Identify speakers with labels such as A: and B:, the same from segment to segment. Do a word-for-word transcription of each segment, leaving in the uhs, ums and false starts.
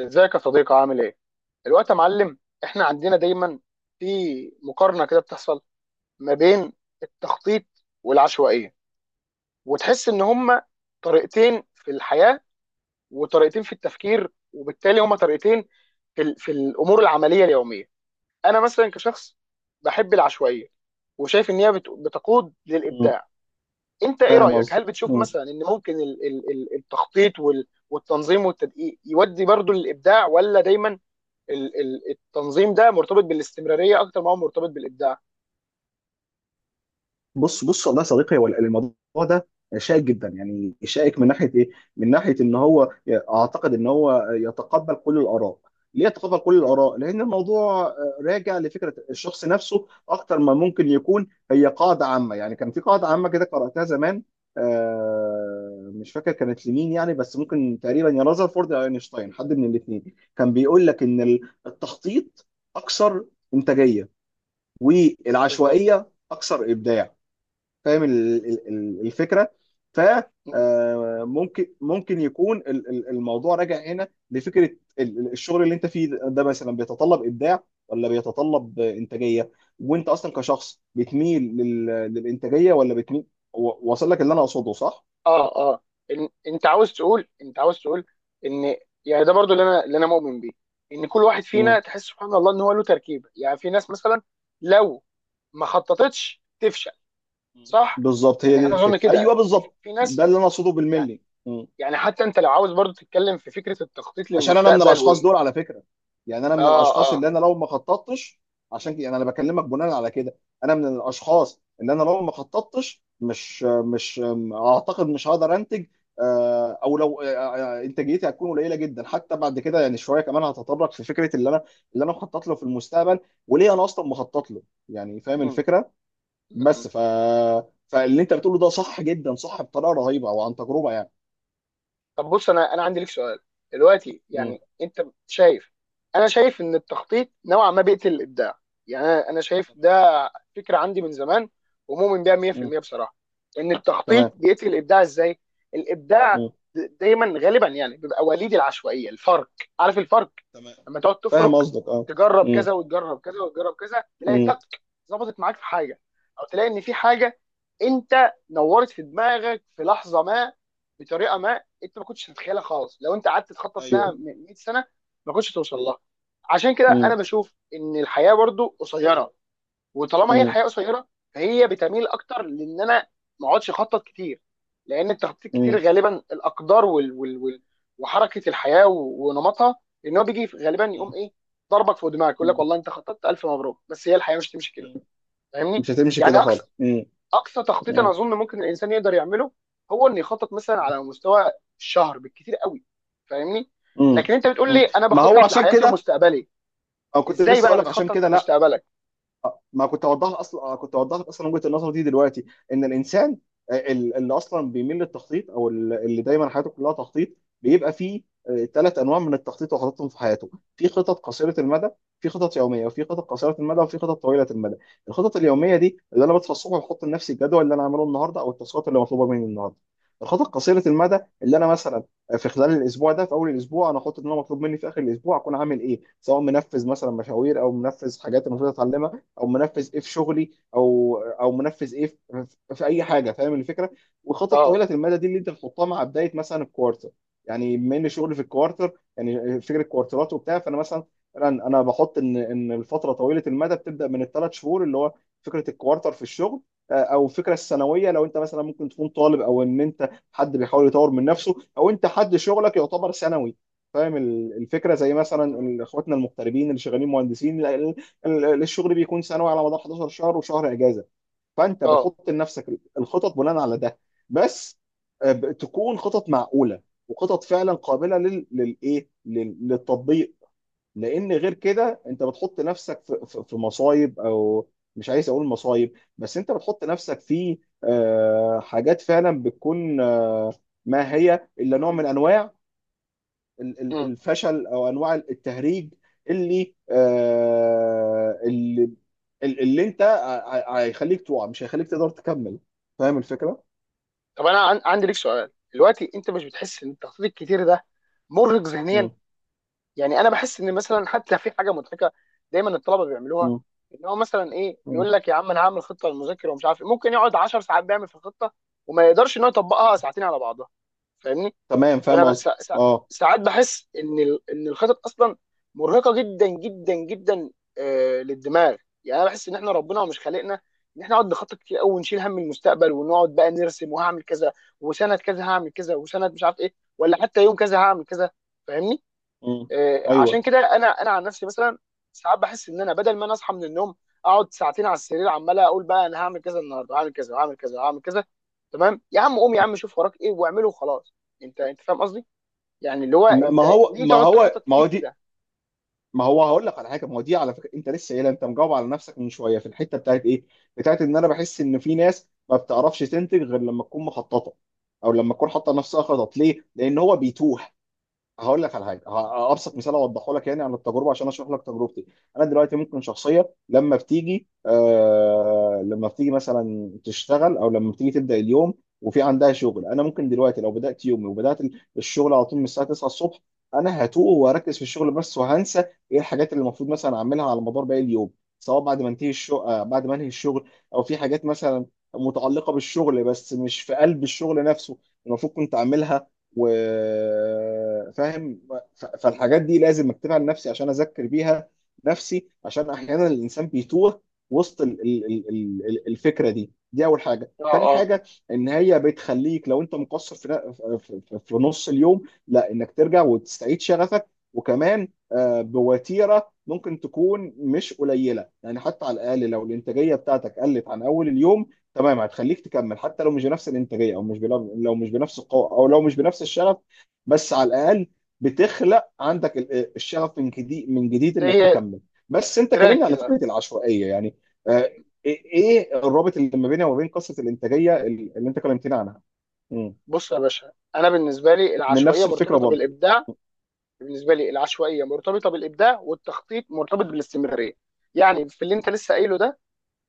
A: ازيك يا صديقي، عامل ايه؟ الوقت يا معلم. احنا عندنا دايما في مقارنه كده بتحصل ما بين التخطيط والعشوائيه، وتحس ان هما طريقتين في الحياه، وطريقتين في التفكير، وبالتالي هما طريقتين في, ال- في الامور العمليه اليوميه. انا مثلا كشخص بحب العشوائيه، وشايف ان هي بت- بتقود
B: مم.
A: للابداع. انت ايه
B: فاهم
A: رايك؟
B: قصدي.
A: هل بتشوف
B: مم.
A: مثلا ان ممكن ال- ال- ال- التخطيط وال- والتنظيم والتدقيق يودي برضو للابداع، ولا دايما ال- ال- التنظيم ده مرتبط بالاستمراريه اكتر ما هو مرتبط بالابداع؟
B: بص بص، والله يا صديقي، هو الموضوع ده شائك جدا. يعني شائك من ناحيه ايه؟ من ناحيه ان هو اعتقد ان هو يتقبل كل الاراء. ليه يتقبل كل
A: مم.
B: الاراء؟ لان الموضوع آه، راجع لفكره الشخص نفسه اكتر ما ممكن يكون هي قاعده عامه. يعني كان في قاعده عامه كده قراتها زمان، آه، مش فاكر كانت لمين يعني، بس ممكن تقريبا يا رذرفورد يا اينشتاين، حد من الاثنين كان بيقول لك ان التخطيط اكثر انتاجيه
A: بالظبط.
B: والعشوائيه اكثر ابداع. فاهم ال- ال- ال- الفكره. ف
A: مم.
B: آه، ممكن ممكن يكون ال- ال- الموضوع راجع هنا لفكره ال- ال- الشغل اللي انت فيه ده، مثلا بيتطلب ابداع ولا بيتطلب انتاجيه، وانت اصلا كشخص بتميل لل- للانتاجيه ولا بتميل؟ و- واصل لك اللي انا اقصده، صح؟
A: اه اه، إن انت عاوز تقول انت عاوز تقول ان يعني ده برضو اللي انا اللي انا مؤمن بيه، ان كل واحد فينا
B: مم.
A: تحس سبحان الله ان هو له تركيبه. يعني في ناس مثلا لو ما خططتش تفشل، صح؟
B: بالظبط، هي
A: يعني
B: دي
A: انا اظن
B: الفكره.
A: كده
B: ايوه،
A: ان في
B: بالظبط
A: في
B: ده
A: ناس،
B: اللي انا اقصده
A: يعني
B: بالملي.
A: يعني حتى انت لو عاوز برضو تتكلم في فكره التخطيط
B: عشان انا من
A: للمستقبل
B: الاشخاص
A: وال
B: دول على فكره، يعني انا من
A: اه
B: الاشخاص
A: اه.
B: اللي انا لو ما خططتش، عشان كده يعني انا بكلمك بناء على كده. انا من الاشخاص اللي انا لو ما خططتش مش مش اعتقد مش هقدر انتج، آه، او لو، آه، آه، انتاجيتي هتكون قليله جدا. حتى بعد كده يعني شويه كمان هتطرق في فكره اللي انا اللي انا مخطط له في المستقبل، وليه انا اصلا مخطط له. يعني فاهم
A: مم.
B: الفكره. بس ف فاللي انت بتقوله ده صح جدا، صح بطريقه رهيبه، او عن تجربه يعني.
A: طب بص، انا انا عندي لك سؤال دلوقتي.
B: م.
A: يعني انت شايف انا شايف ان التخطيط نوعا ما بيقتل الابداع. يعني انا أنا شايف ده فكره عندي من زمان، ومؤمن بيها
B: م.
A: مية بالمية بصراحه. ان التخطيط
B: تمام.
A: بيقتل الابداع ازاي؟ الابداع
B: م.
A: دايما غالبا يعني بيبقى وليد العشوائيه. الفرق، عارف الفرق؟
B: تمام،
A: لما تقعد
B: فاهم
A: تفرك،
B: قصدك، اه.
A: تجرب
B: مم.
A: كذا وتجرب كذا وتجرب كذا، تلاقي
B: مم.
A: تك ظبطت معاك في حاجه، او تلاقي ان في حاجه انت نورت في دماغك في لحظه ما، بطريقه ما انت ما كنتش تتخيلها خالص. لو انت قعدت تخطط لها
B: ايوه.
A: من مئة سنه ما كنتش توصل لها. عشان كده انا
B: مم.
A: بشوف ان الحياه برضو قصيره، وطالما هي
B: مم.
A: الحياه قصيره، فهي بتميل اكتر لان انا ما اقعدش اخطط كتير. لان التخطيط كتير
B: مم.
A: غالبا الاقدار وال وال وال وحركه الحياه و- ونمطها، ان هو بيجي غالبا يقوم
B: مم.
A: ايه؟ ضربك فوق دماغك يقول لك
B: مم.
A: والله انت خططت، الف مبروك، بس هي الحياه مش تمشي كده.
B: مم.
A: فاهمني؟
B: مش هتمشي
A: يعني
B: كده
A: اقصى
B: خالص. مم.
A: اقصى تخطيط انا
B: مم.
A: اظن ممكن الانسان يقدر يعمله هو انه يخطط مثلا على مستوى الشهر بالكتير قوي. فاهمني؟
B: مم.
A: لكن انت بتقول لي
B: مم.
A: انا
B: ما هو
A: بخطط
B: عشان
A: لحياتي
B: كده،
A: ومستقبلي،
B: او كنت
A: ازاي
B: لسه اقول
A: بقى
B: لك عشان
A: بتخطط
B: كده لا،
A: لمستقبلك؟
B: ما كنت اوضحها. اصلا كنت اوضحت اصلا وجهه النظر دي دلوقتي. ان الانسان آه، ال- اللي اصلا بيميل للتخطيط، او ال- اللي دايما حياته كلها تخطيط، بيبقى فيه ثلاث انواع من التخطيط وخططهم في حياته. في خطط قصيره المدى في خطط يوميه، وفي خطط قصيره المدى، وفي خطط طويله المدى. الخطط اليوميه دي اللي انا بصحى الصبح وبحط لنفسي الجدول اللي انا هعمله النهارده، او التاسكات اللي مطلوبه مني النهارده. الخطط قصيره المدى اللي انا مثلا آه، في خلال الاسبوع ده، في اول الاسبوع انا احط ان انا مطلوب مني في اخر الاسبوع اكون عامل ايه، سواء منفذ مثلا مشاوير، او منفذ حاجات المفروض اتعلمها، او منفذ ايه في شغلي، او او منفذ ايه في, في اي حاجه، فاهم الفكره. وخطط
A: اه
B: طويله المدى دي اللي انت بتحطها مع بدايه مثلا الكوارتر. يعني بما ان شغلي في الكوارتر، يعني فكره كوارترات وبتاع، فانا مثلا فعلا انا بحط ان ان الفتره طويله المدى بتبدا من الثلاث شهور، اللي هو فكره الكوارتر في الشغل. آه، او فكره السنويه، لو انت مثلا ممكن تكون طالب، او ان انت حد بيحاول يطور من نفسه، او انت حد شغلك يعتبر سنوي. فاهم ال- الفكره. زي مثلا ال- اخواتنا المغتربين اللي شغالين مهندسين، ال- الشغل بيكون سنوي على مدار 11 شهر وشهر اجازه، فانت
A: اه.
B: بتحط لنفسك الخطط بناء على ده. بس آه، ب- تكون خطط معقوله، وخطط فعلا قابله لل... للايه لل... للتطبيق. لان غير كده انت بتحط نفسك في, في في مصايب، او مش عايز اقول مصايب، بس انت بتحط نفسك في آه، حاجات فعلا بتكون آه، ما هي الا نوع من انواع ال- ال- الفشل، او انواع التهريج اللي آه، اللي ال- اللي انت ع- ع- هيخليك تقع، مش هيخليك تقدر تكمل. فاهم الفكره؟
A: طب انا عن- عندي ليك سؤال دلوقتي. انت مش بتحس ان التخطيط الكتير ده مرهق ذهنيا؟
B: مم.
A: يعني انا بحس ان مثلا حتى في حاجه مضحكه دايما الطلبه بيعملوها،
B: مم.
A: ان هو مثلا ايه،
B: مم.
A: يقول لك يا عم انا هعمل خطه للمذاكره ومش عارف إيه. ممكن يقعد 10 ساعات بيعمل في الخطه، وما يقدرش ان هو يطبقها ساعتين على بعضها. فاهمني؟
B: تمام،
A: فانا
B: فاهم
A: ب-
B: قصدي،
A: سا- سا-
B: اه.
A: ساعات بحس ان ال- ان الخطط اصلا مرهقه جدا جدا جدا، آه، للدماغ. يعني انا بحس ان احنا ربنا مش خالقنا ان احنا نقعد نخطط كتير قوي ونشيل هم المستقبل، ونقعد بقى نرسم وهعمل كذا، وسنه كذا هعمل كذا، وسنه مش عارف ايه، ولا حتى يوم كذا هعمل كذا. فاهمني؟
B: مم.
A: آه، عشان
B: ايوه.
A: كده انا انا عن نفسي مثلا، ساعات بحس ان انا بدل ما انا اصحى من النوم، اقعد ساعتين على السرير عمال اقول بقى انا هعمل كذا النهارده، هعمل كذا وهعمل كذا وهعمل كذا. تمام يا عم، قوم يا
B: مم.
A: عم شوف وراك ايه واعمله وخلاص. انت انت فاهم قصدي؟ يعني اللي هو
B: ما ما
A: انت
B: هو
A: ليه
B: ما
A: تقعد
B: هو
A: تخطط
B: ما هو
A: كتير
B: دي.
A: كده؟
B: ما هو هقول لك على حاجه. ما هو دي على فكره انت لسه قايلها، انت مجاوب على نفسك من شويه في الحته بتاعت ايه؟ بتاعت ان انا بحس ان في ناس ما بتعرفش تنتج غير لما تكون مخططه، او لما تكون حاطه نفسها خطط. ليه؟ لان هو بيتوه. هقول لك على حاجه، ه- ابسط مثال اوضحه لك يعني عن التجربه، عشان اشرح لك تجربتي. انا دلوقتي ممكن شخصيه لما بتيجي آه لما بتيجي مثلا تشتغل، او لما بتيجي تبدا اليوم وفي عندها شغل. انا ممكن دلوقتي لو بدات يومي وبدات ال- الشغل على طول من الساعه تسعه الصبح، انا هتوه وهركز في الشغل بس، وهنسى ايه الحاجات اللي المفروض مثلا اعملها على مدار باقي اليوم، سواء بعد ما انتهي الشغل آه بعد ما انهي الشغل، او في حاجات مثلا متعلقه بالشغل بس مش في قلب الشغل نفسه، المفروض كنت اعملها، وفاهم. فالحاجات دي لازم اكتبها لنفسي عشان اذكر بيها نفسي، عشان احيانا الانسان بيتوه وسط ال- ال- ال- ال- ال- الفكره دي. دي اول حاجه.
A: اه
B: تاني
A: اه.
B: حاجه، ان هي بتخليك لو انت مقصر في ن- في في- في نص اليوم، لا، انك ترجع وتستعيد شغفك. وكمان آه، بوتيره ممكن تكون مش قليله، يعني حتى على الاقل لو الانتاجيه بتاعتك قلت عن اول اليوم، تمام، هتخليك تكمل حتى لو مش بنفس الانتاجيه، او مش بلو... لو مش بنفس القوه، او لو مش بنفس الشغف. بس على الاقل بتخلق عندك ال- الشغف من جديد، من جديد، انك
A: زي
B: تكمل. بس انت
A: تراك
B: كلمني على
A: كده.
B: فكره العشوائيه يعني، آه، ايه إيه الرابط اللي ما بينها وما بين قصه الانتاجيه اللي اللي انت كلمتني عنها؟ مم.
A: بص يا باشا، انا بالنسبه لي
B: من
A: العشوائيه
B: نفس الفكره
A: مرتبطه
B: برضه.
A: بالابداع. بالنسبه لي العشوائيه مرتبطه بالابداع، والتخطيط مرتبط بالاستمراريه. يعني في اللي انت لسه قايله ده،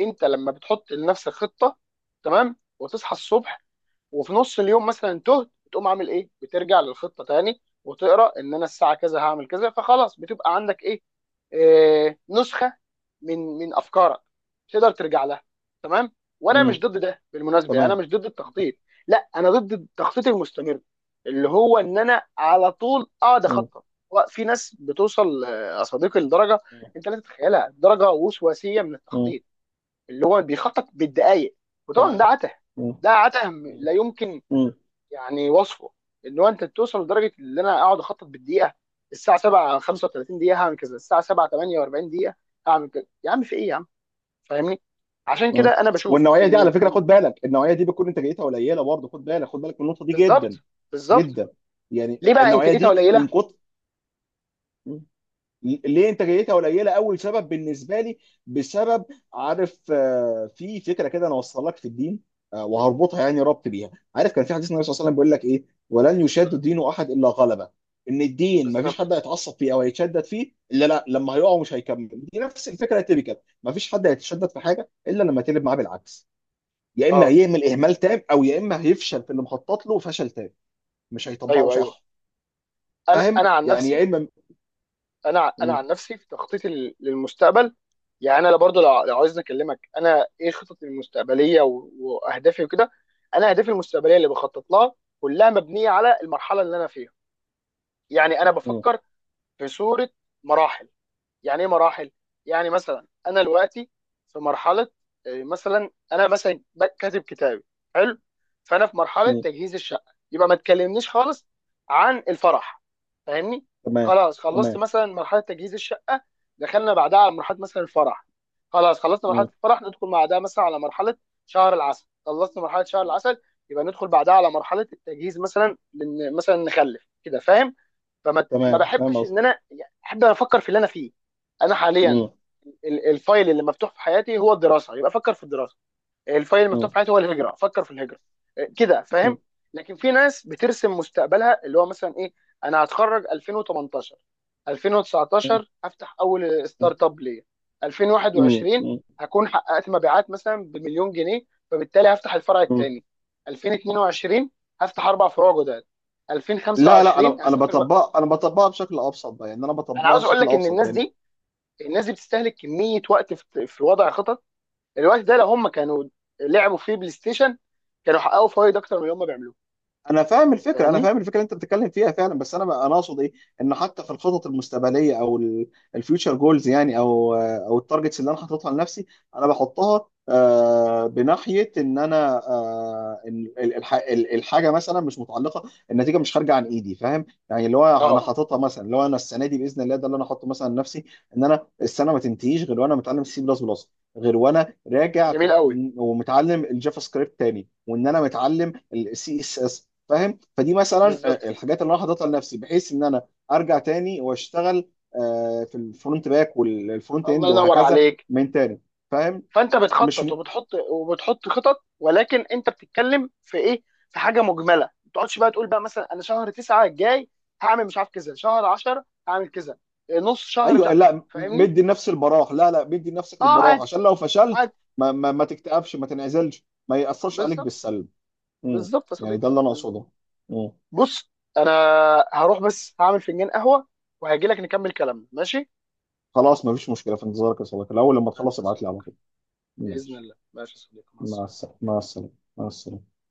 A: انت لما بتحط لنفسك خطه، تمام، وتصحى الصبح، وفي نص اليوم مثلا تهت، بتقوم عامل ايه؟ بترجع للخطه تاني وتقرا ان انا الساعه كذا هعمل كذا، فخلاص بتبقى عندك ايه، آه نسخه من من افكارك تقدر ترجع لها. تمام. وانا مش
B: مم.
A: ضد ده بالمناسبه، يعني
B: تمام.
A: انا مش ضد التخطيط، لا، انا ضد التخطيط المستمر اللي هو ان انا على طول اقعد
B: مم.
A: اخطط. في ناس بتوصل، آه، يا صديقي، لدرجه انت لا تتخيلها، درجه وسواسيه من
B: مم.
A: التخطيط، اللي هو بيخطط بالدقايق، وطبعا
B: تمام.
A: ده عته.
B: مم.
A: ده عته.
B: مم.
A: لا يمكن.
B: مم.
A: يعني وصفه ان هو انت توصل لدرجه ان انا اقعد اخطط بالدقيقه، الساعه سبعة خمسة وثلاثين دقيقه هعمل كذا، الساعه سبعة ثمانية واربعين دقيقه هعمل كذا، يا عم في ايه يا عم؟ فاهمني؟ عشان كده
B: مم.
A: انا بشوف
B: والنوعيه دي
A: ان
B: على
A: ال...
B: فكره،
A: إن-
B: خد بالك، النوعيه دي بتكون انتاجيتها قليله برضه. خد بالك، خد بالك من النقطه دي جدا
A: بالظبط. بالظبط.
B: جدا. يعني
A: ليه بقى
B: النوعيه
A: انتاجيتها
B: دي من
A: قليله؟
B: كتر، ليه انتاجيتها قليله؟ اول سبب بالنسبه لي بسبب، عارف، آه، في فكره كده انا اوصل لك في الدين، آه، وهربطها يعني، ربط بيها. عارف كان في حديث النبي صلى الله عليه وسلم بيقول لك ايه؟
A: عليه
B: ولن
A: الصلاه والسلام.
B: يشاد دين احد الا غلبه. ان الدين ما فيش
A: بالظبط.
B: حد هيتعصب فيه او هيتشدد فيه الا، لا، لما هيقع مش هيكمل. دي نفس الفكره التيبيكال. ما فيش حد هيتشدد في حاجه الا لما تقلب معاه بالعكس. يا اما
A: اه،
B: هيعمل اهمال تام، او يا اما هيفشل في اللي مخطط له فشل تام، مش هيطبقه
A: ايوه ايوه.
B: صح.
A: انا
B: فاهم
A: انا عن
B: يعني، يا
A: نفسي،
B: اما.
A: انا ع- انا
B: مم.
A: عن نفسي في تخطيطي لل- للمستقبل. يعني انا برضو لو لو عايز اكلمك انا ايه خططي المستقبليه و- واهدافي وكده. انا اهدافي المستقبليه اللي بخطط لها كلها مبنيه على المرحله اللي انا فيها. يعني انا
B: مم.
A: بفكر في صوره مراحل، يعني ايه مراحل؟ يعني مثلا انا دلوقتي في مرحله، آه، مثلا انا مثلا بك- كاتب كتابي، حلو، فانا في مرحله
B: مم.
A: تجهيز الشقه، يبقى ما تكلمنيش خالص عن الفرح، فاهمني؟
B: تمام.
A: خلاص خلصت
B: تمام.
A: مثلا مرحله تجهيز الشقه، دخلنا بعدها على مرحله مثلا الفرح، خلاص خلصنا مرحله
B: مم.
A: الفرح، ندخل بعدها مثلا على مرحله شهر العسل، خلصنا مرحله شهر
B: مم.
A: العسل، يبقى ندخل بعدها على مرحله التجهيز مثلا لن- مثلا نخلف كده، فاهم؟ فما ما
B: تمام، فاهم
A: بحبش
B: قصدي.
A: ان انا يعني احب أنا افكر في اللي انا فيه. انا حاليا
B: مم.
A: ال- الفايل اللي مفتوح في حياتي هو الدراسه، يبقى افكر في الدراسه. الفايل اللي مفتوح في
B: مم.
A: حياتي هو الهجره، افكر في الهجره. إيه، كده فاهم؟
B: مم.
A: لكن في ناس بترسم مستقبلها اللي هو مثلا ايه، انا هتخرج الفين وتمنتاشر، الفين وتسعتاشر هفتح اول
B: مم.
A: ستارت اب ليا،
B: مم.
A: الفين وواحد وعشرين
B: مم.
A: هكون حققت مبيعات مثلا بمليون جنيه، فبالتالي هفتح الفرع
B: مم.
A: الثاني، الفين واتنين وعشرين هفتح اربع فروع جداد،
B: لا، لا،
A: الفين وخمسه وعشرين
B: انا انا
A: هسافر.
B: بطبقها، انا بطبقها بشكل ابسط بقى، يعني انا
A: انا
B: بطبقها
A: عاوز اقول
B: بشكل
A: لك ان
B: ابسط
A: الناس
B: يعني.
A: دي، الناس دي بتستهلك كميه وقت في في وضع خطط. الوقت ده لو هم كانوا لعبوا فيه بلاي ستيشن، كانوا حققوا فوائد اكتر من اللي هم بيعملوه.
B: انا فاهم الفكره، انا
A: فاهمني؟
B: فاهم الفكره اللي انت بتتكلم فيها فعلا. بس انا بقى- انا اقصد ايه؟ ان حتى في الخطط المستقبليه، او الفيوتشر جولز يعني، او او التارجتس اللي انا حاططها لنفسي، انا بحطها آه، بناحيه ان انا آه، ال- ال- الح- ال- الحاجه مثلا مش متعلقه، النتيجه مش خارجه عن ايدي. فاهم يعني، اللي هو انا
A: اه،
B: حاططها مثلا، اللي هو انا السنه دي باذن الله ده اللي انا حاطه مثلا لنفسي، ان انا السنه ما تنتهيش غير وانا متعلم سي بلس بلس، غير وانا راجع
A: جميل
B: كنت-
A: قوي.
B: ومتعلم الجافا سكريبت تاني، وان انا متعلم السي اس اس. فاهم؟ فدي مثلا آه،
A: بالظبط.
B: الحاجات اللي انا حاططها لنفسي، بحيث ان انا ارجع تاني واشتغل آه، في الفرونت باك والفرونت
A: الله
B: اند
A: ينور
B: وهكذا،
A: عليك.
B: من تاني. فاهم؟
A: فانت
B: مش
A: بتخطط
B: م...
A: وبتحط وبتحط خطط، ولكن انت بتتكلم في ايه؟ في حاجه مجمله. ما تقعدش بقى تقول بقى مثلا انا شهر تسعة الجاي هعمل مش عارف كذا، شهر عشره هعمل كذا، نص شهر مش
B: ايوه.
A: عارف.
B: لا، م-
A: فاهمني؟
B: مدي لنفسي البراح. لا، لا، مدي لنفسك
A: اه،
B: البراح
A: عادي،
B: عشان لو فشلت،
A: عادي.
B: ما ما, ما تكتئبش، ما تنعزلش، ما يأثرش عليك
A: بالظبط.
B: بالسلب. مم.
A: بالظبط يا
B: يعني
A: صديقي.
B: ده اللي انا
A: بالظبط.
B: اقصده. مم.
A: بص، انا هروح بس هعمل فنجان قهوه وهجي لك نكمل كلامنا، ماشي؟
B: خلاص، ما فيش مشكله، في انتظارك يا صديقي، الاول لما
A: ماشي
B: تخلص
A: يا
B: ابعت لي على
A: صديقي
B: طول.
A: باذن
B: ماشي.
A: الله. ماشي يا صديقي، مع
B: مع
A: السلامه.
B: السلامه. مع السلامه. مع السلامه.